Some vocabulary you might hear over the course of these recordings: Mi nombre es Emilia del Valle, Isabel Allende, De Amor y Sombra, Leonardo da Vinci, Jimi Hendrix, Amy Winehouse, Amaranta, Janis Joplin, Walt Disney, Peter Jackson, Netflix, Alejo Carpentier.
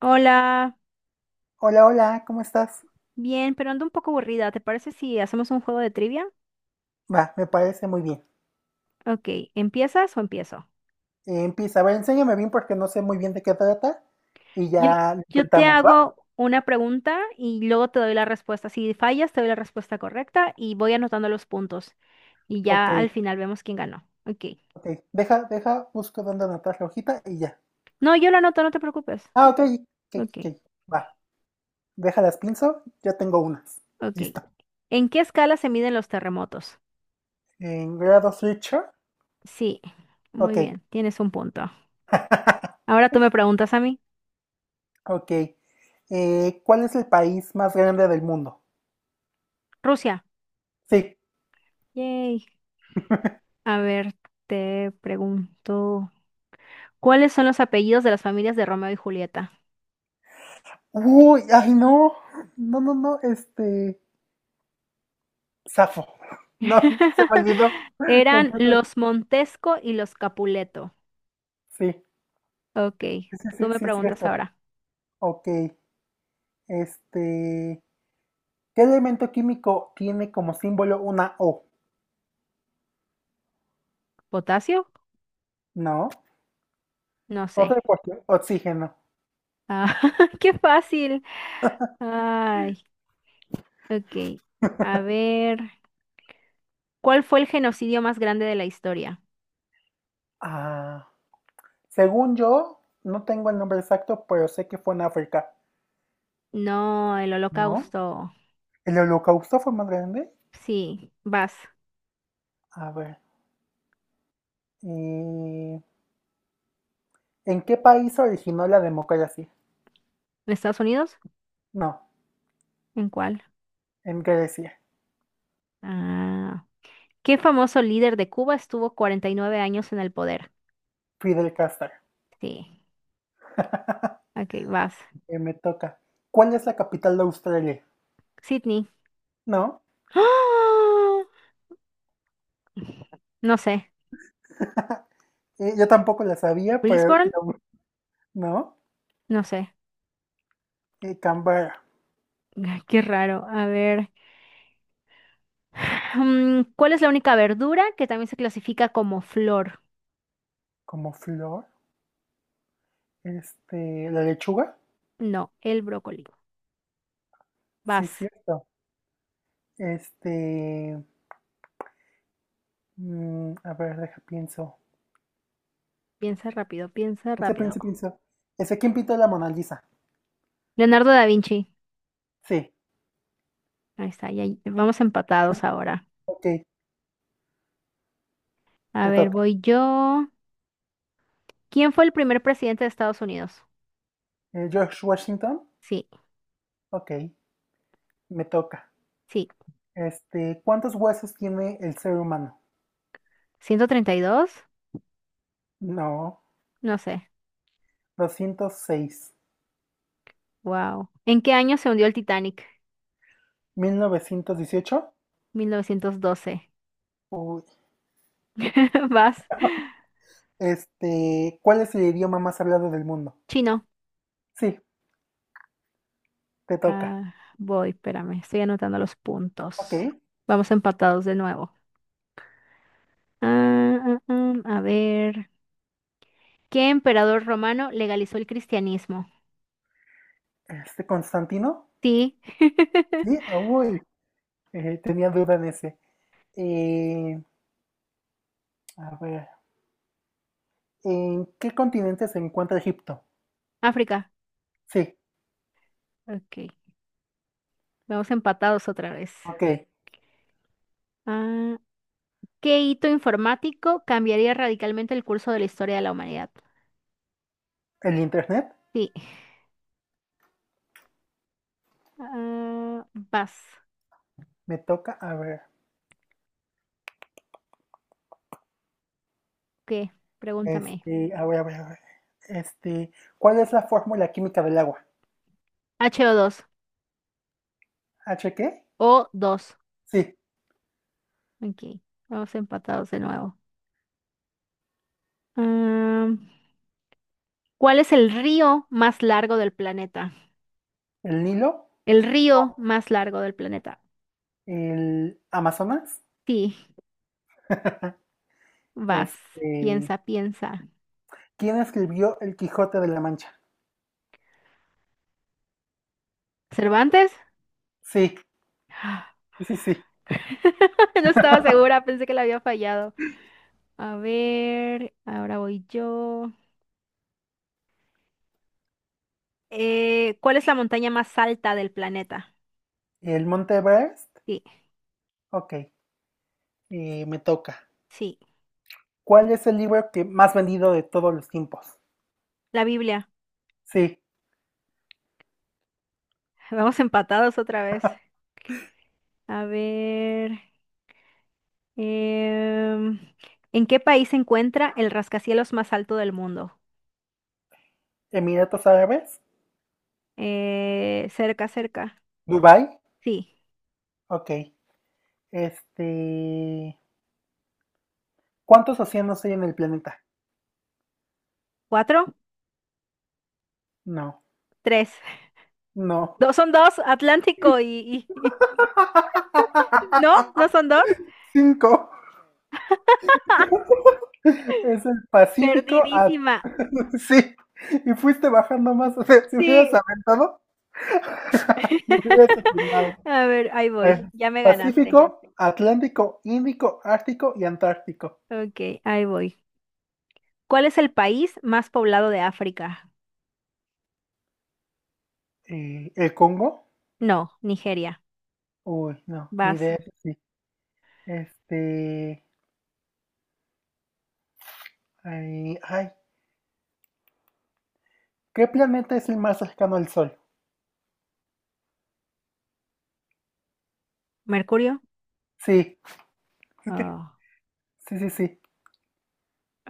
Hola, Hola, hola, ¿cómo estás? bien, pero ando un poco aburrida. ¿Te parece si hacemos un juego de trivia? Va, me parece muy bien. Ok, ¿empiezas o empiezo? Empieza, a ver, enséñame bien porque no sé muy bien de qué trata y Yo, ya lo yo te intentamos, ¿va? hago una pregunta y luego te doy la respuesta. Si fallas, te doy la respuesta correcta y voy anotando los puntos. Y ya al Ok, final vemos quién ganó. Ok. ok. Deja, busco dónde anotar la hojita y ya. No, yo lo anoto, no te preocupes. Ah, ok, ok, Ok, ok. Va, déjalas pinzo, ya tengo unas. ok. Listo. ¿En qué escala se miden los terremotos? En grado Switcher, Sí, muy ok, bien, tienes un punto. Ahora tú me preguntas a mí. ok. ¿Cuál es el país más grande del mundo? Rusia. Sí. Yay. A ver, te pregunto. ¿Cuáles son los apellidos de las familias de Romeo y Julieta? Uy, ay, no, no, no, no, este. Safo. No, no se me olvidó. Eran Completo. los Montesco y los Capuleto. Sí, Ok, sí, tú sí, me sí, es preguntas cierto. ahora. Ok. Este. ¿Qué elemento químico tiene como símbolo una O? ¿Potasio? No. No sé. Otra cuestión. Oxígeno. Ah, qué fácil. Ay, ok. A ver, ¿cuál fue el genocidio más grande de la historia? Ah. Según yo, no tengo el nombre exacto, pero sé que fue en África. No, el ¿No? Holocausto. ¿El holocausto fue más grande? Sí, vas. A ver. eh, ¿En qué país se originó la democracia? ¿En Estados Unidos? No, ¿En cuál? en Grecia. Ah, ¿qué famoso líder de Cuba estuvo 49 años en el poder? Fidel Castro. Sí. Ok, vas. Me toca. ¿Cuál es la capital de Australia? Sydney. No, ¡Ah! No sé. Yo tampoco la sabía, pero Brisbane. la bu- no. No sé. Canberra, Ay, qué raro. A ver. Mm, ¿cuál es la única verdura que también se clasifica como flor? como flor. Este, la lechuga. No, el brócoli. Sí, Vas. cierto. Este, mm, a ver, deja, pienso. Piensa rápido, piensa Pienso, rápido. pienso, pienso. ¿Ese quién pintó la Mona Lisa? Leonardo da Vinci. Sí, Ahí está, ya vamos empatados ahora. ok, A te ver, toca. voy yo. ¿Quién fue el primer presidente de Estados Unidos? George Washington. Sí, Ok, me toca. sí. Este, ¿cuántos huesos tiene el ser humano? 132. No, No sé. 206. Wow. ¿En qué año se hundió el Titanic? ¿1918? 1912. Uy. Vas. Este, ¿cuál es el idioma más hablado del mundo? Chino. Sí, te toca. Ah, voy, espérame. Estoy anotando los Ok, puntos. Vamos empatados de nuevo. Ah, ah, ah, a ver. ¿Qué emperador romano legalizó el cristianismo? este, Constantino. Sí. Sí, ah, uy, tenía duda en ese. Eh, a ver, ¿en qué continente se encuentra Egipto? África. Sí, Ok. Vamos empatados otra vez. ok. Ah, ¿qué hito informático cambiaría radicalmente el curso de la historia de la humanidad? ¿El internet? Sí. Ah, vas. Me toca, a ver. ¿Qué? Pregúntame. Este, a ver, a ver, a ver. Este, ¿cuál es la fórmula química del agua? H2O ¿H qué? O2. Sí, Ok. Vamos empatados de nuevo. Ah, ¿cuál es el río más largo del planeta? el Nilo, El río más largo del planeta. el Amazonas. Sí, vas. Este, Piensa, piensa. ¿quién escribió El Quijote de la Mancha? ¿Cervantes? Sí, sí, sí. No estaba segura, pensé que la había fallado. A ver, ahora voy yo. ¿Cuál es la montaña más alta del planeta? El Monte Everest. Sí, Ok, me toca. sí, ¿Cuál es el libro que más vendido de todos los tiempos? la Biblia. Sí, Vamos empatados otra vez. A ver, em, ¿en qué país se encuentra el rascacielos más alto del mundo? Emiratos Árabes, Cerca, cerca. Dubai. Sí. Ok, este, ¿cuántos océanos hay en el planeta? ¿Cuatro? No, Tres. no. Dos son dos, Atlántico y... ¿No? ¿No son dos? Cinco. Es el Pacífico. A... Perdidísima. sí. Y fuiste bajando más. O sea, si hubieras Sí. aventado, yo hubieras atinado. A ver, ahí Es voy. Ya me ganaste. Pacífico, Atlántico, Índico, Ártico y Antártico. Ok, ahí voy. ¿Cuál es el país más poblado de África? ¿El Congo? No, Nigeria. Uy, no, ni Vas. idea. Sí. Este, ay, ay, ¿qué planeta es el más cercano al Sol? ¿Mercurio? Sí, Oh, sí, sí, sí.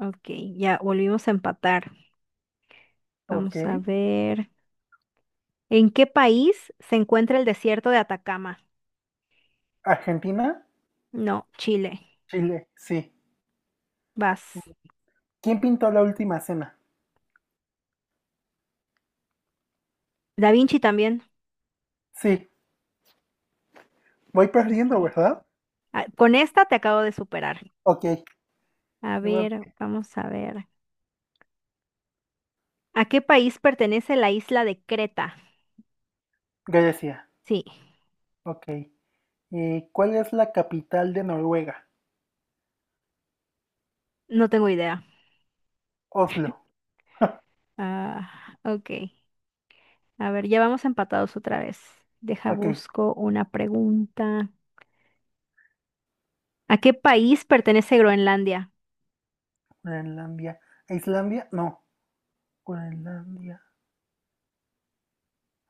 ok, ya volvimos a empatar. Ok. Vamos a ver. ¿En qué país se encuentra el desierto de Atacama? Argentina, No, Chile. Chile, sí. Vas. ¿Quién pintó la última cena? Da Vinci también. Sí, voy perdiendo, Ok. ¿verdad? Ah, con esta te acabo de superar. Ok, A le voy ver, a- vamos a ver. ¿A qué país pertenece la isla de Creta? Grecia. Sí, Ok. ¿Cuál es la capital de Noruega? no tengo idea. Oslo. Ah, ok. A ver, ya vamos empatados otra vez. Deja, Ok. busco una pregunta. ¿A qué país pertenece Groenlandia? Groenlandia. ¿A Islandia? No. Groenlandia.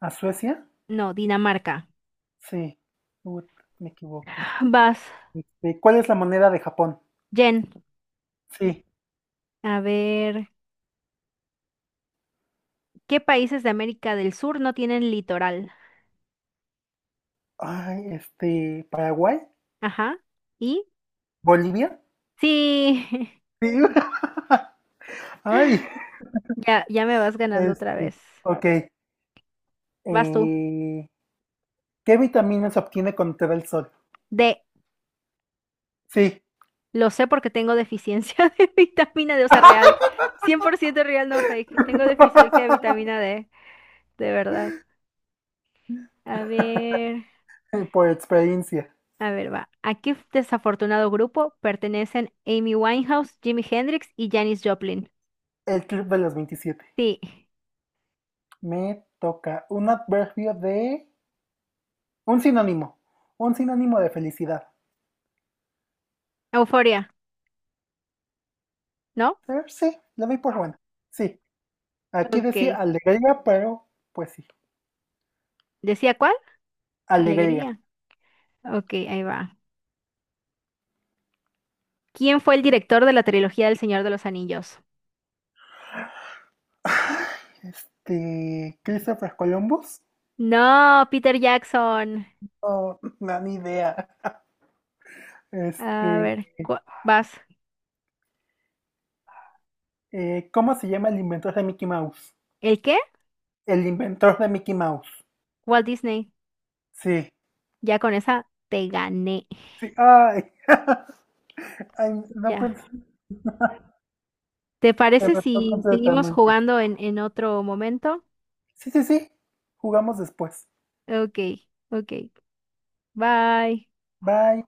¿A Suecia? No, Dinamarca. Sí. Ut, me equivoqué. Vas, Este, ¿cuál es la moneda de Japón? Jen. Sí. A ver, ¿qué países de América del Sur no tienen litoral? Ay, este. ¿Paraguay? Ajá. ¿Y? ¿Bolivia? Sí, Sí. Ay. ya, ya me vas ganando otra Este, vez. ok. Vas tú. Eh, ¿Qué vitamina se obtiene cuando te da el sol? D. Sí. Lo sé porque tengo deficiencia de vitamina D, o sea, real. 100% real, no fake. Tengo deficiencia de vitamina D, de verdad. A ver, Por experiencia. a ver, va. ¿A qué desafortunado grupo pertenecen Amy Winehouse, Jimi Hendrix y Janis Joplin? El club de los 27. Sí. Me toca un adverbio de. Un sinónimo. Un sinónimo de felicidad. Euforia, ¿no? Sí, la doy por buena. Sí, aquí Ok. decía alegría, pero pues sí, ¿Decía cuál? alegría. Alegría. Ok, ahí va. ¿Quién fue el director de la trilogía del Señor de los Anillos? Este, Christopher Columbus, No, Peter Jackson. no, no, ni idea. A Este, ver, cu- vas. ¿Cómo se llama el inventor de Mickey Mouse? ¿El qué? El inventor de Mickey Mouse. Walt Disney, Sí, ya con esa te gané. sí, ay, ay, no Ya. pensé, ¿Te se parece me fue si seguimos completamente. jugando en otro momento? Sí, sí, sí, jugamos después. Ok, ok. Bye. Bye.